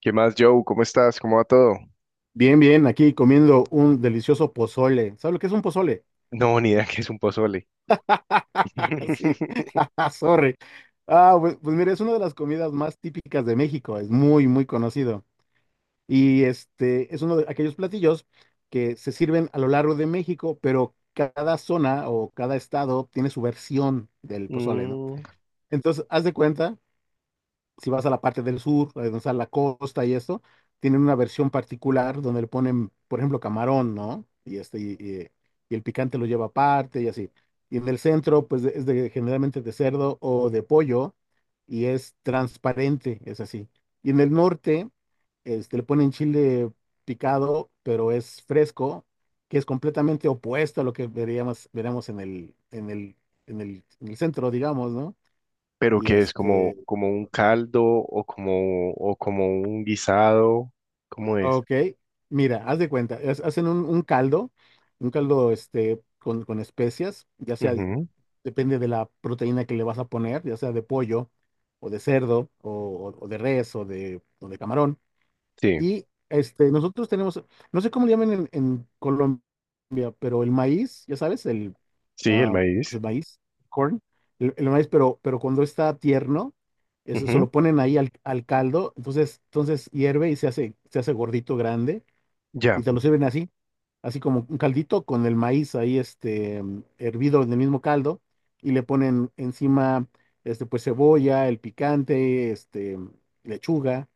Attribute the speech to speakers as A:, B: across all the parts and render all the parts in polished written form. A: ¿Qué más, Joe? ¿Cómo estás? ¿Cómo va todo?
B: Bien, bien, aquí comiendo un delicioso pozole. ¿Sabes lo que es un pozole?
A: No, ni idea que es un pozole.
B: Sí, ah, sorry. Ah, pues mira, es una de las comidas más típicas de México, es muy, muy conocido. Y este es uno de aquellos platillos que se sirven a lo largo de México, pero cada zona o cada estado tiene su versión del pozole, ¿no?
A: Mm.
B: Entonces, haz de cuenta si vas a la parte del sur, donde está la costa y esto, tienen una versión particular donde le ponen, por ejemplo, camarón, ¿no? Y el picante lo lleva aparte y así. Y en el centro, pues generalmente de cerdo o de pollo y es transparente, es así. Y en el norte, le ponen chile picado, pero es fresco, que es completamente opuesto a lo que veríamos en el centro, digamos, ¿no?
A: ¿Pero
B: Y
A: qué es? ¿Como
B: este,
A: como un caldo o como un guisado? ¿Cómo es?
B: Ok, mira, haz de cuenta, hacen un caldo, un caldo con especias, ya sea,
A: Ujú.
B: depende de la proteína que le vas a poner, ya sea de pollo o de cerdo o de res o de camarón.
A: Sí,
B: Nosotros tenemos, no sé cómo le llaman en, Colombia, pero el maíz, ya sabes,
A: sí, el
B: pues
A: maíz.
B: el maíz, corn, el maíz, pero cuando está tierno, eso se
A: Ujú.
B: lo ponen ahí al, caldo, entonces hierve y se hace gordito, grande,
A: Ya.
B: y te lo sirven así, así como un caldito con el maíz ahí, hervido en el mismo caldo, y le ponen encima, pues cebolla, el picante, lechuga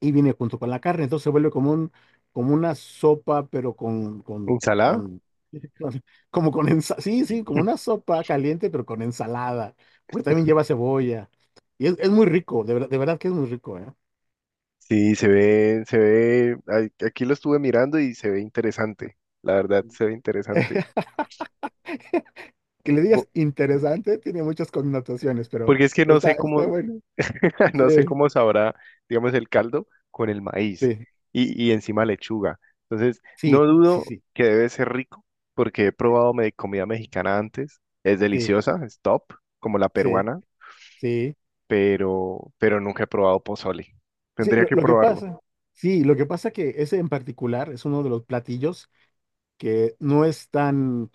B: y viene junto con la carne, entonces se vuelve como un, como una sopa, pero
A: ¿Ensalada?
B: con- como con ensalada, sí, sí, como una sopa caliente, pero con ensalada, porque también lleva cebolla, y es muy rico, de verdad que es muy rico, ¿eh?
A: Sí, se ve, ay, aquí lo estuve mirando y se ve interesante. La verdad, se ve interesante.
B: Que le
A: Bo-
B: digas interesante, tiene muchas connotaciones, pero
A: Porque es que no
B: está,
A: sé
B: está
A: cómo.
B: bueno,
A: No sé
B: sí,
A: cómo sabrá, digamos, el caldo con el maíz
B: sí,
A: y encima lechuga. Entonces, no
B: sí,
A: dudo
B: sí,
A: que debe ser rico porque he
B: sí, sí,
A: probado comida mexicana antes. Es
B: sí,
A: deliciosa, es top, como la
B: sí,
A: peruana,
B: sí,
A: pero nunca he probado pozole.
B: Sí,
A: Tendría
B: lo,
A: que
B: lo que
A: probarlo.
B: pasa, sí, lo que pasa que ese en particular es uno de los platillos que no es tan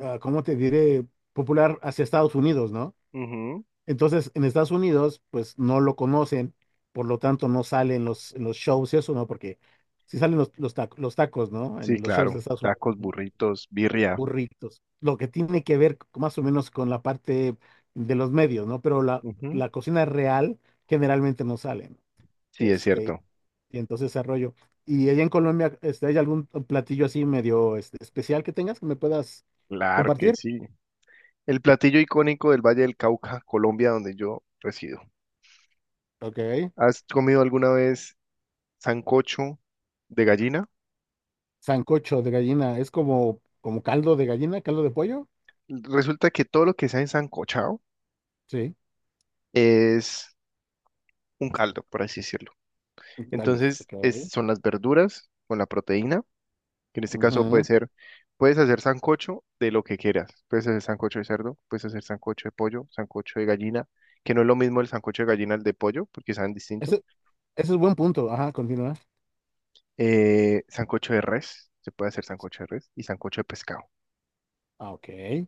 B: ah, ¿cómo te diré? Popular hacia Estados Unidos, ¿no?
A: Ujú.
B: Entonces, en Estados Unidos, pues no lo conocen, por lo tanto no salen en los shows y eso, ¿no? Porque sí salen los tacos, ¿no?
A: Sí,
B: En los shows
A: claro.
B: de Estados
A: Tacos,
B: Unidos,
A: burritos, birria.
B: burritos, lo que tiene que ver más o menos con la parte de los medios, ¿no? Pero la,
A: Ujú.
B: la cocina real generalmente no salen,
A: Sí, es
B: este,
A: cierto.
B: y entonces ese rollo. Y allá en Colombia, ¿hay algún platillo así medio especial que tengas que me puedas
A: Claro que
B: compartir?
A: sí. El platillo icónico del Valle del Cauca, Colombia, donde yo resido.
B: Ok.
A: ¿Has comido alguna vez? Sancocho de gallina.
B: Sancocho de gallina, es como caldo de gallina, caldo de pollo.
A: Resulta que todo lo que sea ensancochado
B: Sí,
A: es un caldo, por así decirlo.
B: un caldo.
A: Entonces
B: Ok.
A: es, son las verduras con la proteína, que en este caso puede
B: Ujú.
A: ser, puedes hacer sancocho de lo que quieras. Puedes hacer sancocho de cerdo, puedes hacer sancocho de pollo, sancocho de gallina, que no es lo mismo el sancocho de gallina al de pollo, porque saben distinto.
B: Ese, ese es buen punto. Ajá, continúa.
A: Sancocho de res, se puede hacer sancocho de res y sancocho de pescado.
B: Ah, ok.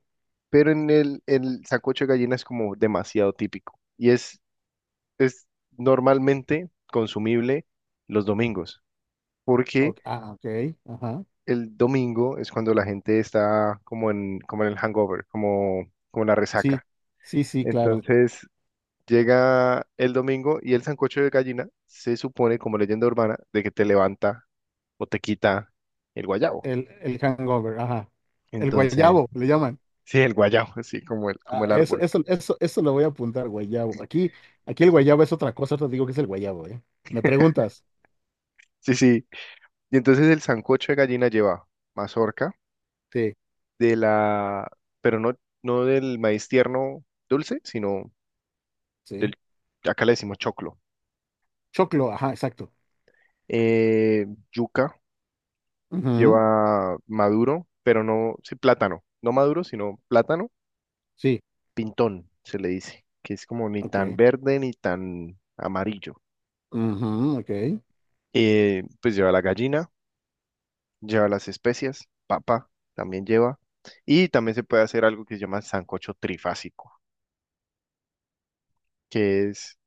A: Pero en el sancocho de gallina es como demasiado típico. Y es normalmente consumible los domingos, porque
B: Ok, ah, ok. Ajá.
A: el domingo es cuando la gente está como en como en el hangover, como, como en la
B: Sí,
A: resaca.
B: sí, sí, claro.
A: Entonces llega el domingo y el sancocho de gallina se supone como leyenda urbana de que te levanta o te quita el guayabo.
B: El hangover, ajá. El
A: Entonces,
B: guayabo, le llaman.
A: sí, el guayabo, así como el como
B: Ah,
A: el
B: eso,
A: árbol.
B: eso, eso, eso lo voy a apuntar, guayabo. Aquí el guayabo es otra cosa, te digo que es el guayabo, ¿eh? ¿Me preguntas?
A: Sí, sí. Y entonces el sancocho de gallina lleva mazorca,
B: Sí,
A: de la, pero no, no del maíz tierno dulce, sino del,
B: sí.
A: acá le decimos choclo.
B: Choclo, ajá, exacto.
A: Eh, yuca,
B: Ujú,
A: lleva maduro, pero no, sí, plátano, no maduro, sino plátano,
B: sí,
A: pintón se le dice, que es como ni tan
B: ok.
A: verde ni tan amarillo.
B: Ujú, ok.
A: Pues lleva la gallina, lleva las especias, papa también lleva, y también se puede hacer algo que se llama sancocho trifásico, que es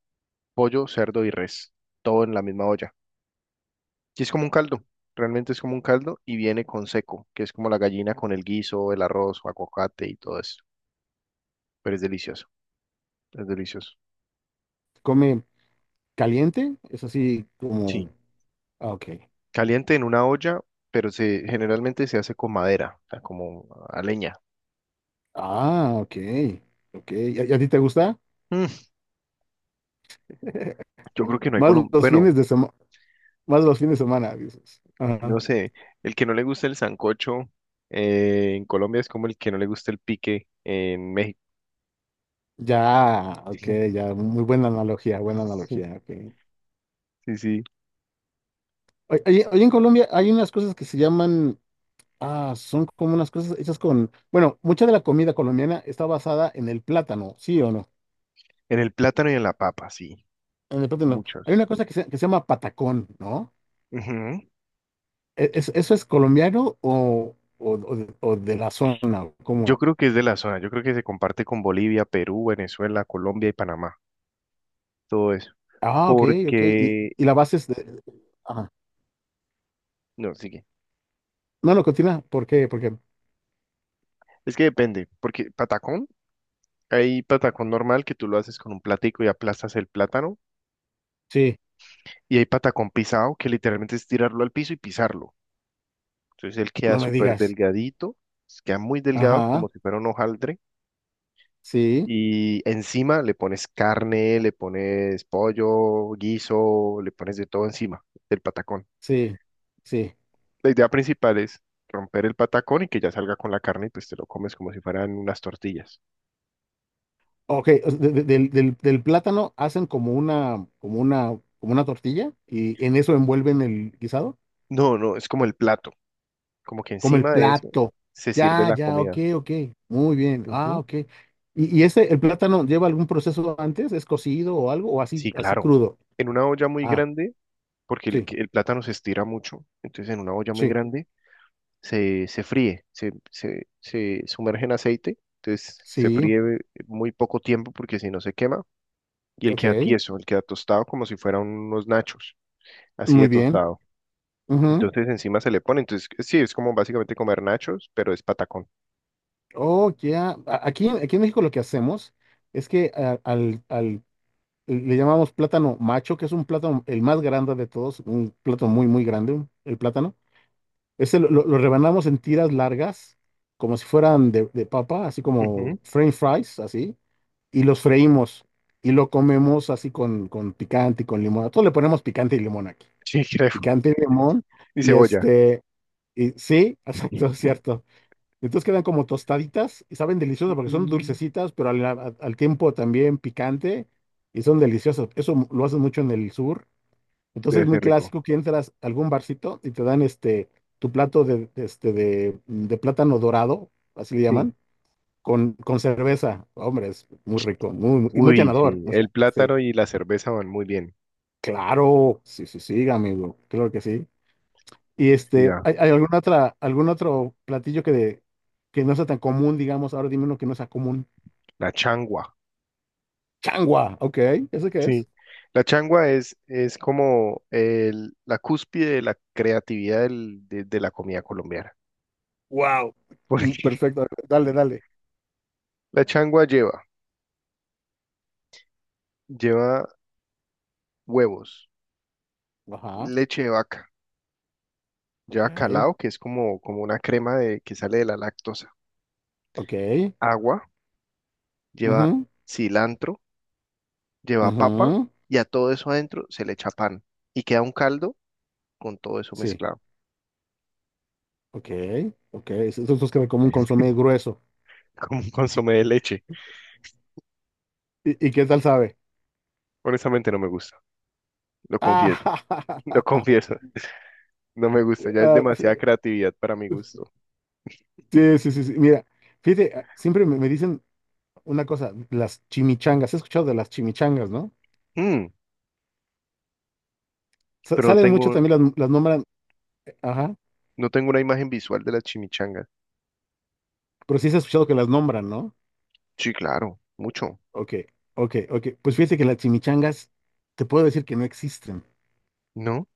A: pollo, cerdo y res, todo en la misma olla. Sí, es como un caldo, realmente es como un caldo y viene con seco, que es como la gallina con el guiso, el arroz, aguacate y todo eso. Pero es delicioso, es delicioso.
B: Come. ¿Caliente? Es así como...
A: Sí.
B: Ah, ok.
A: Caliente en una olla, pero se, generalmente se hace con madera, o sea, como a leña.
B: Ah, ok. Ok. ¿Y a ti te gusta?
A: Mm, yo creo que no hay
B: Más
A: Colombia,
B: los
A: bueno,
B: fines de semana. Más los fines de semana, dices. Ajá.
A: no sé, el que no le gusta el sancocho, en Colombia es como el que no le gusta el pique en México.
B: Ya, ok, ya. Muy buena analogía, buena analogía. Ok.
A: Sí, sí,
B: Oye, oye, oye, en Colombia hay unas cosas que se llaman... Ah, son como unas cosas hechas con... Bueno, mucha de la comida colombiana está basada en el plátano, ¿sí o no?
A: en el plátano y en la papa, sí,
B: En el plátano. Hay
A: muchos.
B: una cosa que se llama patacón, ¿no?
A: Ujú.
B: ¿Eso es colombiano o de la zona? ¿Cómo
A: Yo
B: es?
A: creo que es de la zona, yo creo que se comparte con Bolivia, Perú, Venezuela, Colombia y Panamá, todo eso.
B: Ah, ok, ok. Y,
A: Porque,
B: y la base es de... Ajá.
A: no, sigue.
B: No, no, continúa. ¿Por qué? Porque
A: Es que depende, porque patacón, hay patacón normal que tú lo haces con un platico y aplastas el plátano,
B: sí,
A: y hay patacón pisado que literalmente es tirarlo al piso y pisarlo. Entonces él
B: no
A: queda
B: me
A: súper
B: digas.
A: delgadito, queda muy delgado
B: Ajá,
A: como si fuera un hojaldre,
B: sí,
A: y encima le pones carne, le pones pollo, guiso, le pones de todo encima del patacón.
B: sí, sí.
A: La idea principal es romper el patacón y que ya salga con la carne y pues te lo comes como si fueran unas tortillas.
B: Ok, o sea, del plátano hacen como una tortilla y en eso envuelven el guisado.
A: No, no, es como el plato, como que
B: Como el
A: encima de eso
B: plato.
A: se sirve
B: Ya,
A: la
B: ya, ok,
A: comida.
B: ok. Muy bien. Ah,
A: Ujú.
B: ok. ¿Y ese el plátano lleva algún proceso antes? ¿Es cocido o algo? ¿O así,
A: Sí,
B: así
A: claro.
B: crudo?
A: En una olla muy
B: Ah,
A: grande, porque
B: sí,
A: el plátano se estira mucho, entonces en una olla muy
B: sí,
A: grande se se fríe, se sumerge en aceite, entonces se
B: sí.
A: fríe muy poco tiempo porque si no se quema y él queda
B: Ok.
A: tieso, él queda tostado como si fueran unos nachos, así de
B: Muy bien.
A: tostado.
B: Ujú.
A: Entonces encima se le pone. Entonces, sí, es como básicamente comer nachos, pero es patacón.
B: Oh, ya. Aquí en México lo que hacemos es que le llamamos plátano macho, que es un plátano el más grande de todos, un plátano muy, muy grande, el plátano. Ese lo rebanamos en tiras largas, como si fueran de papa, así
A: Ujú.
B: como french fries, así, y los freímos y lo comemos así con picante y con limón. A todos le ponemos picante y limón aquí.
A: Sí, creo.
B: Picante y limón,
A: Y
B: y
A: cebolla.
B: este, y sí, exacto, es cierto. Entonces quedan como tostaditas y saben deliciosas porque son
A: Mm.
B: dulcecitas, pero al tiempo también picante y son deliciosas. Eso lo hacen mucho en el sur entonces,
A: Debe
B: muy
A: ser rico.
B: clásico que entras a algún barcito y te dan tu plato de plátano dorado, así le
A: Sí.
B: llaman, con cerveza. Hombre, es muy rico, muy
A: Uy,
B: llenador.
A: sí.
B: O sea,
A: El
B: sí,
A: plátano y la cerveza van muy bien.
B: claro, sí, sí, sí, amigo, claro que sí.
A: Sí, da.
B: ¿Hay alguna otra, algún otro platillo que no sea tan común, digamos? Ahora dime uno que no sea común.
A: La changua.
B: Changua, ok, ¿eso qué
A: Sí.
B: es?
A: La changua es como el, la cúspide de la creatividad del- de la comida colombiana.
B: Wow,
A: Porque
B: perfecto, dale, dale.
A: la changua lleva lleva huevos,
B: Ajá,
A: leche de vaca,
B: ok,
A: lleva calao, que es como, como una crema de, que sale de la lactosa,
B: ok,
A: agua, lleva
B: mhm,
A: cilantro, lleva papa,
B: mhm.
A: y a todo eso adentro se le echa pan y queda un caldo con todo eso
B: Sí,
A: mezclado.
B: ok, ok. Esos dos que como un consomé grueso.
A: Como un consomé de leche.
B: ¿Y qué tal sabe?
A: Honestamente no me gusta, lo confieso,
B: Ah,
A: lo confieso, no me gusta, ya es
B: ah,
A: demasiada
B: f-
A: creatividad para mi gusto.
B: sí, sí, sí, sí. Mira, fíjate, siempre me dicen una cosa, las chimichangas. He escuchado de las chimichangas, ¿no?
A: Mm, pero no
B: Salen mucho
A: tengo,
B: también las nombran, ajá,
A: no tengo una imagen visual de las chimichangas.
B: pero sí has escuchado que las nombran, ¿no?
A: Sí, claro, mucho.
B: Ok, ok, ok. Pues fíjate que las chimichangas, te puedo decir que no existen.
A: ¿No?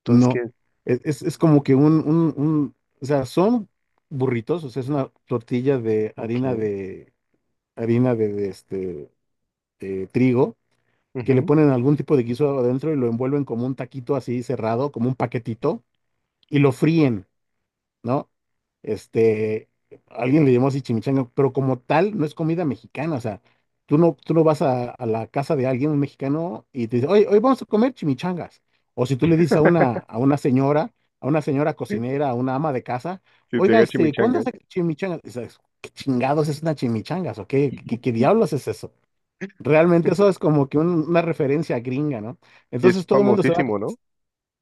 A: Entonces,
B: No,
A: ¿qué?
B: es como que o sea, son burritos, o sea, es una tortilla de harina
A: Ok.
B: de harina de, de trigo, que le
A: Ujú.
B: ponen algún tipo de guiso adentro y lo envuelven como un taquito así cerrado, como un paquetito, y lo fríen, ¿no? Este, alguien le llamó así chimichanga, pero como tal no es comida mexicana, o sea, tú no vas a la casa de alguien, un mexicano, y te dice, oye, hoy vamos a comer chimichangas. O si tú le dices a una señora, a una señora cocinera, a una ama de casa,
A: Que se
B: oiga,
A: haga
B: ¿cuándo
A: chimichangas.
B: hace chimichangas? Y dices, ¿Qué chingados es una chimichangas? ¿O qué diablos es eso? Realmente eso es como que una referencia gringa, ¿no?
A: Y es
B: Entonces todo el mundo se va,
A: famosísimo, ¿no?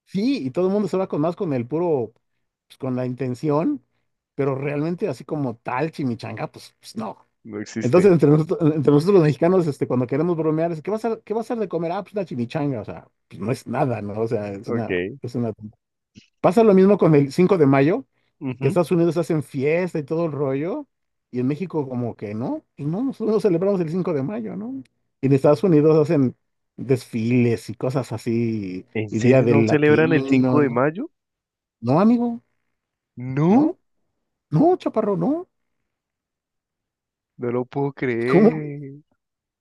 B: sí, y todo el mundo se va con más con el puro, pues, con la intención, pero realmente así como tal chimichanga, pues no.
A: No existe.
B: Entonces entre nosotros los mexicanos, cuando queremos bromear, ¿qué va a ser de comer? Ah, pues una chimichanga, o sea, pues no es nada, ¿no? O sea, es una,
A: Ok.
B: es una... Pasa lo mismo con el Cinco de Mayo que
A: Ujú.
B: Estados Unidos hacen fiesta y todo el rollo, y en México como que no, pues no, nosotros no celebramos el Cinco de Mayo, ¿no? Y en Estados Unidos hacen desfiles y cosas así,
A: ¿En
B: y Día
A: serio no
B: del
A: celebran el
B: Latino,
A: 5
B: y
A: de
B: ¿no?
A: mayo?
B: No, amigo,
A: No,
B: no, no, chaparro, no.
A: no lo puedo
B: ¿Cómo?
A: creer.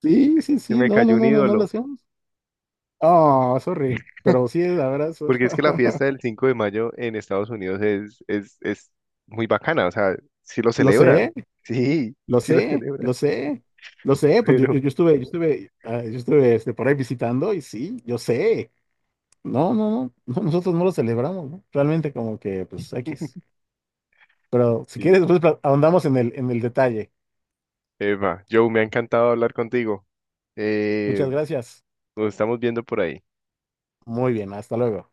B: Sí, sí,
A: Se
B: sí,
A: me
B: no, no,
A: cayó un
B: no, no, no lo
A: ídolo.
B: hacemos. Ah, sorry, pero sí, la verdad,
A: Porque es que la fiesta del 5 de mayo en Estados Unidos es es muy bacana. O sea, sí lo
B: lo
A: celebran.
B: sé,
A: Sí,
B: lo
A: sí lo
B: sé,
A: celebran.
B: lo sé. Lo sé, pues
A: Pero,
B: yo estuve, por ahí visitando y sí, yo sé. No, no, no, no, nosotros no lo celebramos, ¿no? Realmente como que, pues, X. Pero si
A: y,
B: quieres, pues, ahondamos en el detalle.
A: Eva, Joe, me ha encantado hablar contigo. Eh,
B: Muchas gracias.
A: nos estamos viendo por ahí.
B: Muy bien, hasta luego.